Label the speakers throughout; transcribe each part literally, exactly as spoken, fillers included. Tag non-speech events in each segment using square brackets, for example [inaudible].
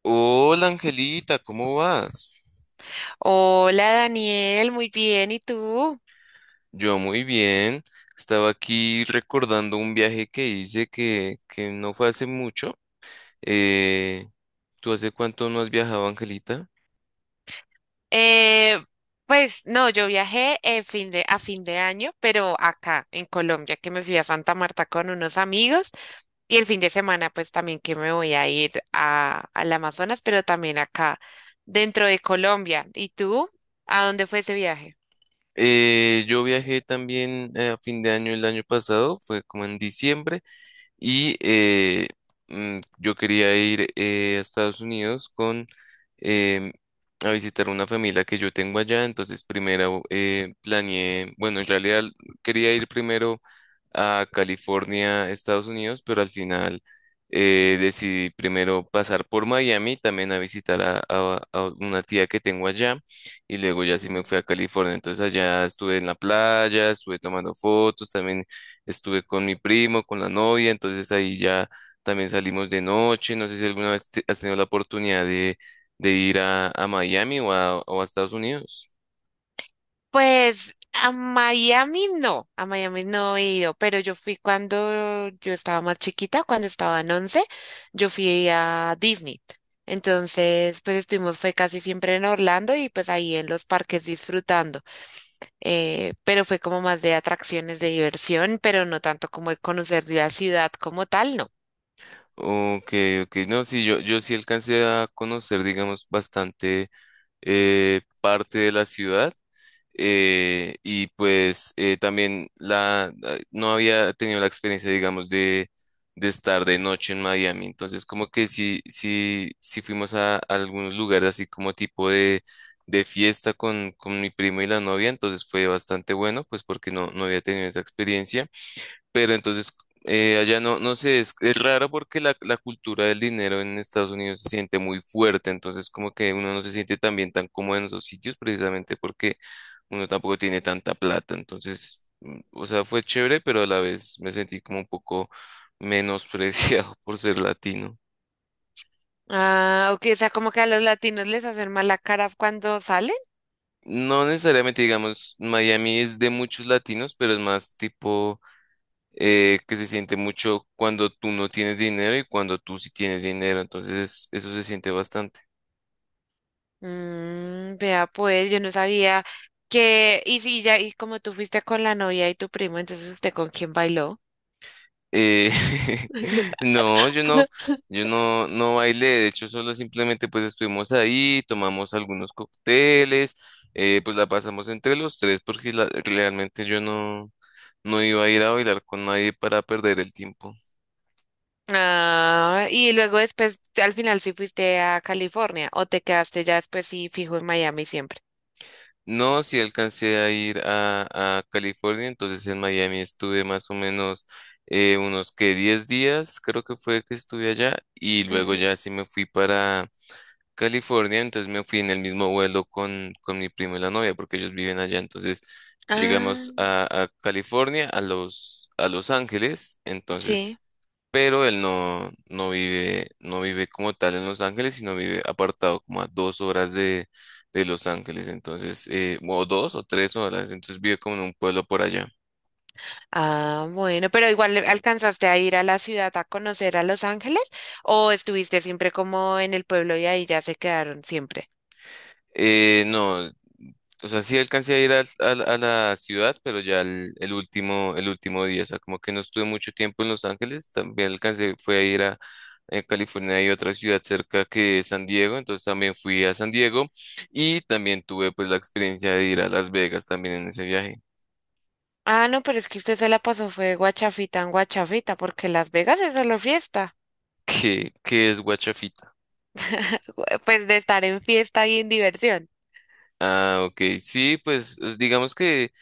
Speaker 1: Hola Angelita, ¿cómo vas?
Speaker 2: Hola Daniel, muy bien, ¿y tú?
Speaker 1: Yo muy bien. Estaba aquí recordando un viaje que hice que, que no fue hace mucho. Eh, ¿Tú hace cuánto no has viajado, Angelita?
Speaker 2: Eh, pues no, yo viajé eh, fin de, a fin de año, pero acá en Colombia, que me fui a Santa Marta con unos amigos y el fin de semana pues también que me voy a ir a, al Amazonas, pero también acá dentro de Colombia. ¿Y tú? ¿A dónde fue ese viaje?
Speaker 1: Eh, yo viajé también eh, a fin de año el año pasado, fue como en diciembre. Y eh, mm, yo quería ir eh, a Estados Unidos con em, a visitar una familia que yo tengo allá. Entonces, primero eh, planeé, bueno, en realidad quería ir primero a California, Estados Unidos, pero al final eh, decidí primero pasar por Miami, también a visitar a, a- a una tía que tengo allá, y luego ya sí me
Speaker 2: Mm.
Speaker 1: fui a California. Entonces allá estuve en la playa, estuve tomando fotos, también estuve con mi primo, con la novia, entonces ahí ya también salimos de noche. No sé si alguna vez te- has tenido la oportunidad de, de ir a, a Miami o a, o a Estados Unidos.
Speaker 2: Pues a Miami no, a Miami no he ido, pero yo fui cuando yo estaba más chiquita, cuando estaba en once, yo fui a Disney. Entonces, pues estuvimos, fue casi siempre en Orlando y pues ahí en los parques disfrutando. Eh, pero fue como más de atracciones de diversión, pero no tanto como de conocer la ciudad como tal, no.
Speaker 1: Ok, ok, no, sí, yo, yo sí alcancé a conocer, digamos, bastante eh, parte de la ciudad, eh, y pues eh, también la, la- no había tenido la experiencia, digamos, de, de estar de noche en Miami, entonces como que sí, sí, sí fuimos a, a algunos lugares así como tipo de, de fiesta con, con mi primo y la novia, entonces fue bastante bueno, pues porque no, no había tenido esa experiencia. Pero entonces, eh, allá no, no sé, es, es raro porque la, la cultura del dinero en Estados Unidos se siente muy fuerte, entonces como que uno no se siente tan bien, tan cómodo en esos sitios precisamente porque uno tampoco tiene tanta plata, entonces, mm, o sea, fue chévere, pero a la vez me sentí como un poco menospreciado [laughs] por ser latino.
Speaker 2: Ah, ok, o sea, como que a los latinos les hacen mala cara cuando salen.
Speaker 1: No necesariamente, digamos, Miami es de muchos latinos, pero es más tipo eh, que se siente mucho cuando tú no tienes dinero y cuando tú sí tienes dinero, entonces eso se siente bastante.
Speaker 2: Mm, vea pues, yo no sabía que, y si ya, y como tú fuiste con la novia y tu primo, entonces usted con quién bailó.
Speaker 1: Eh, [laughs] no, yo no, yo no, no bailé, de hecho solo simplemente pues estuvimos ahí, tomamos algunos cócteles, eh, pues la pasamos entre los tres porque la- realmente yo no, no iba a ir a bailar con nadie para perder el tiempo.
Speaker 2: Ah, y luego después, al final sí fuiste a California o te quedaste ya después sí fijo en Miami siempre.
Speaker 1: No, sí alcancé a ir a, a California, entonces en Miami estuve más o menos eh, unos que diez días, creo que fue que estuve allá, y luego
Speaker 2: Ujú.
Speaker 1: ya sí me fui para California, entonces me fui en el mismo vuelo con, con mi primo y la novia, porque ellos viven allá, entonces llegamos
Speaker 2: Ah,
Speaker 1: a, a California, a Los, a Los Ángeles, entonces
Speaker 2: sí.
Speaker 1: pero él no, no vive, no vive como tal en Los Ángeles, sino vive apartado como a dos horas de, de Los Ángeles, entonces, eh, o dos o tres horas, entonces vive como en un pueblo por allá.
Speaker 2: Ah, bueno, pero igual le- alcanzaste a ir a la ciudad a conocer a Los Ángeles o estuviste siempre como en el pueblo y ahí ya se quedaron siempre.
Speaker 1: Eh, no, o sea, sí alcancé a ir al- al- a, la ciudad, pero ya el, el último, el último día, o sea, como que no estuve mucho tiempo en Los Ángeles, también alcancé, fue a ir a, a California. Hay otra ciudad cerca que es San Diego, entonces también fui a San Diego y también tuve pues la experiencia de ir a Las Vegas también en ese viaje.
Speaker 2: Ah, no, pero es que usted se la pasó, fue guachafita en guachafita, porque Las Vegas es solo fiesta.
Speaker 1: ¿Qué, qué es guachafita?
Speaker 2: [laughs] Pues de estar en fiesta y en diversión.
Speaker 1: Ah, ok. Sí, pues os- digamos que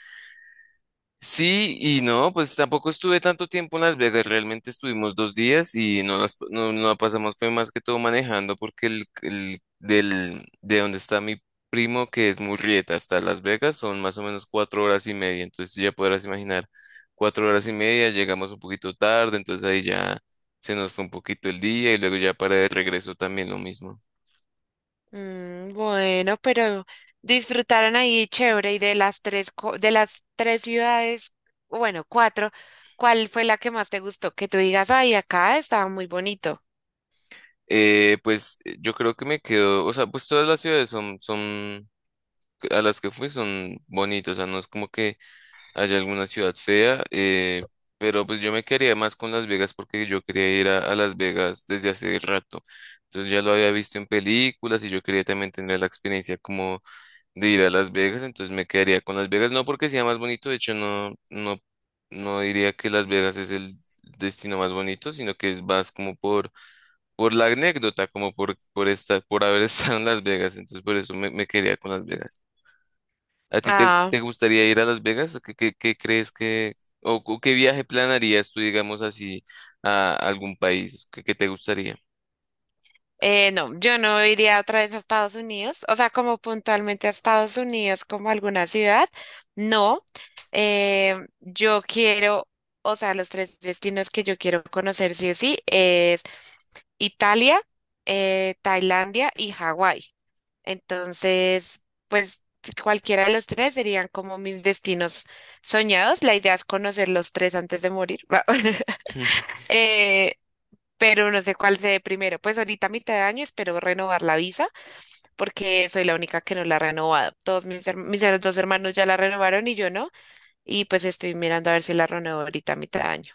Speaker 1: sí y no, pues tampoco estuve tanto tiempo en Las Vegas, realmente estuvimos dos días y no, las, no, no la pasamos, fue más que todo manejando porque el, el del, de donde está mi primo, que es Murrieta, hasta Las Vegas, son más o menos cuatro horas y media. Entonces ya podrás imaginar, cuatro horas y media, llegamos un poquito tarde, entonces ahí ya se nos fue un poquito el día y luego ya para de regreso también lo mismo.
Speaker 2: Mm, bueno, pero disfrutaron ahí chévere y de las tres, co- de las tres ciudades, bueno, cuatro, ¿cuál fue la que más te gustó? Que tú digas, ay, acá estaba muy bonito.
Speaker 1: Eh, pues eh, yo creo que me quedo, o sea, pues todas las ciudades son, son, a las que fui son bonitas, o sea, no es como que haya alguna ciudad fea, eh, pero pues yo me quedaría más con Las Vegas porque yo quería ir a, a Las Vegas desde hace rato, entonces ya lo había visto en películas y yo quería también tener la experiencia como de ir a Las Vegas, entonces me quedaría con Las Vegas, no porque sea más bonito, de hecho no, no, no diría que Las Vegas es el destino más bonito, sino que es más como por por la anécdota, como por, por esta, por haber [laughs] estado en Las Vegas, entonces por eso me, me quería con Las Vegas. ¿A ti te, te gustaría ir a Las Vegas? ¿O ¿Qué, qué, qué crees que, o, o qué viaje planarías tú, digamos así, a algún país que, que te gustaría?
Speaker 2: Eh, no, yo no iría otra vez a Estados Unidos, o sea, como puntualmente a Estados Unidos, como alguna ciudad, no. Eh, yo quiero, o sea, los tres destinos que yo quiero conocer sí o sí es Italia, eh, Tailandia y Hawái. Entonces, pues cualquiera de los tres serían como mis destinos soñados. La idea es conocer los tres antes de morir. [laughs]
Speaker 1: [laughs]
Speaker 2: Eh, pero no sé cuál sea primero. Pues ahorita a mitad de año espero renovar la visa porque soy la única que no la ha renovado. Todos mis, her- mis her- dos hermanos ya la renovaron y yo no, y pues estoy mirando a ver si la renuevo ahorita a mitad de año.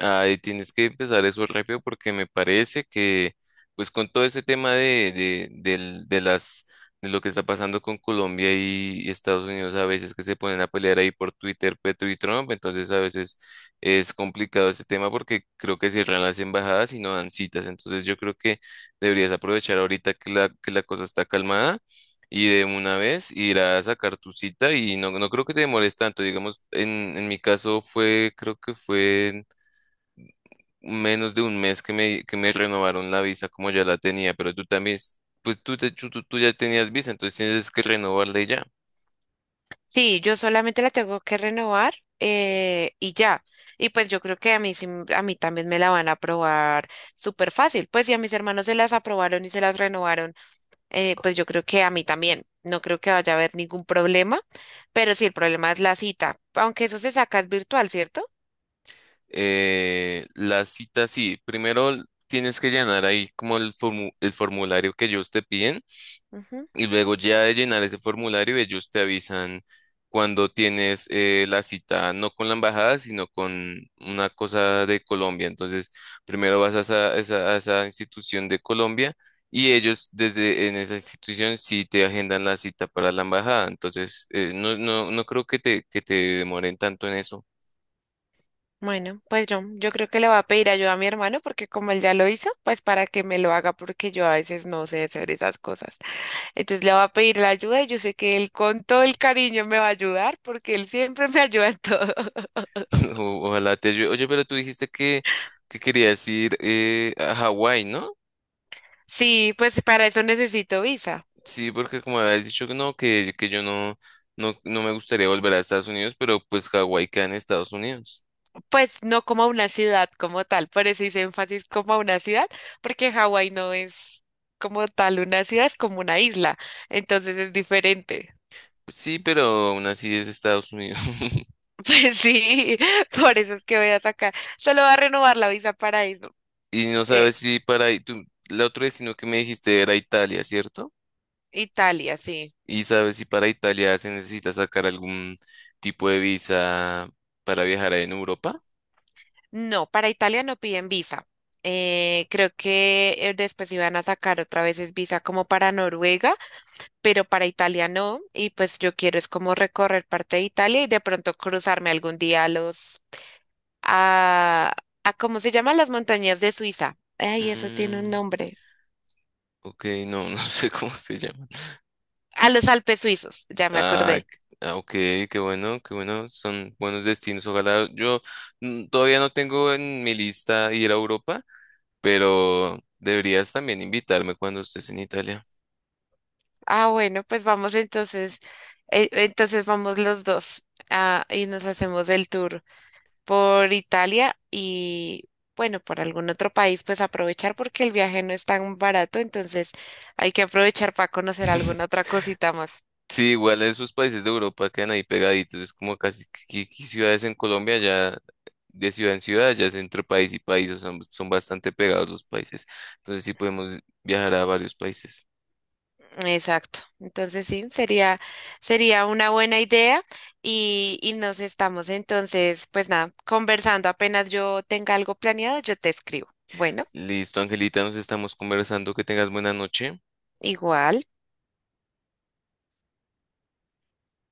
Speaker 1: Ahí tienes que empezar eso rápido porque me parece que, pues con todo ese tema de, de, del- de las, de lo que está pasando con Colombia y Estados Unidos, a veces que se ponen a pelear ahí por Twitter, Petro y Trump, entonces a veces es complicado ese tema porque creo que cierran las embajadas y no dan citas. Entonces yo creo que deberías aprovechar ahorita que la, que la cosa está calmada. Y de una vez ir a sacar tu cita y no, no creo que te demores tanto. Digamos, en, en mi caso fue, creo que fue menos de un mes que me, que me renovaron la visa como ya la tenía, pero tú también, s- pues tú, te- tú, tú- tú ya tenías visa, entonces tienes que renovarla y ya.
Speaker 2: Sí, yo solamente la tengo que renovar eh, y ya. Y pues yo creo que a mí, sí m- a mí también me la van a aprobar súper fácil. Pues si a mis hermanos se las aprobaron y se las renovaron, eh, pues yo creo que a mí también. No creo que vaya a haber ningún problema, pero sí, el problema es la cita, aunque eso se saca es virtual, ¿cierto?
Speaker 1: Eh, la cita sí, primero tienes que llenar ahí como el, formu- el formulario que ellos te piden.
Speaker 2: Ujú.
Speaker 1: Y luego ya de llenar ese formulario, ellos te avisan cuando tienes eh, la cita, no con la embajada, sino con una cosa de Colombia. Entonces, primero vas a esa, esa- a esa institución de Colombia y ellos desde en esa institución sí te agendan la cita para la embajada. Entonces, eh, no, no, no creo que te, que te demoren tanto en eso.
Speaker 2: Bueno, pues yo, yo creo que le voy a pedir ayuda a mi hermano porque como él ya lo hizo, pues para que me lo haga porque yo a veces no sé hacer esas cosas. Entonces le voy a pedir la ayuda y yo sé que él con todo el cariño me va a ayudar porque él siempre me [laughs] ayuda en todo. [laughs]
Speaker 1: [laughs] O- ojalá te ayude. Oye, pero tú dijiste que, que querías ir eh, a Hawái, ¿no?
Speaker 2: Sí, pues para eso necesito visa.
Speaker 1: Sí, porque como habías dicho que no, que, que yo no, no, no me gustaría volver a Estados Unidos, pero pues Hawái queda en Estados Unidos.
Speaker 2: Pues no como a una ciudad como tal, por eso hice énfasis como a una ciudad porque Hawái no es como tal una ciudad, es como una isla, entonces es diferente.
Speaker 1: Sí, pero aún así es Estados Unidos. [laughs]
Speaker 2: Pues sí, [laughs] por eso es que voy a sacar. Solo va a renovar la visa para eso.
Speaker 1: Y no
Speaker 2: Eh,
Speaker 1: sabes si para ahí, tú, el otro destino que me dijiste era Italia, ¿cierto?
Speaker 2: Italia, sí.
Speaker 1: Y sabes si para Italia se necesita sacar algún tipo de visa para viajar en Europa.
Speaker 2: No, para Italia no piden visa. Eh, creo que eh, después iban a sacar otra vez es visa como para Noruega, pero para Italia no. Y pues yo quiero es como recorrer parte de Italia y de pronto cruzarme algún día a los, a, a ¿cómo se llaman las montañas de Suiza? Ay, eso tiene un
Speaker 1: Mm,
Speaker 2: nombre.
Speaker 1: ok, no, [laughs] no sé cómo se llaman.
Speaker 2: A los Alpes suizos, ya me
Speaker 1: Ah,
Speaker 2: acordé.
Speaker 1: c- ah, ok, qué bueno, qué bueno, son buenos destinos. Ojalá yo mm, todavía no tengo en mi lista ir a Europa, pero deberías también invitarme cuando estés en Italia.
Speaker 2: Ah, bueno, pues vamos entonces, eh, entonces vamos los dos, ah, y nos hacemos el tour por Italia y bueno, por algún otro país, pues aprovechar porque el viaje no es tan barato, entonces hay que aprovechar para conocer alguna
Speaker 1: [laughs]
Speaker 2: otra cosita más.
Speaker 1: Sí, igual esos países de Europa quedan ahí pegaditos, es como casi que, que- que ciudades en Colombia ya, de ciudad en ciudad, ya es entre país y país, o sea, son, son bastante pegados los países. Entonces sí podemos viajar a varios países.
Speaker 2: Exacto. Entonces sí, sería, sería una buena idea y, y nos estamos entonces, pues nada, conversando. Apenas yo tenga algo planeado, yo te escribo. Bueno,
Speaker 1: Listo, Angelita, nos estamos conversando, que tengas buena noche.
Speaker 2: igual.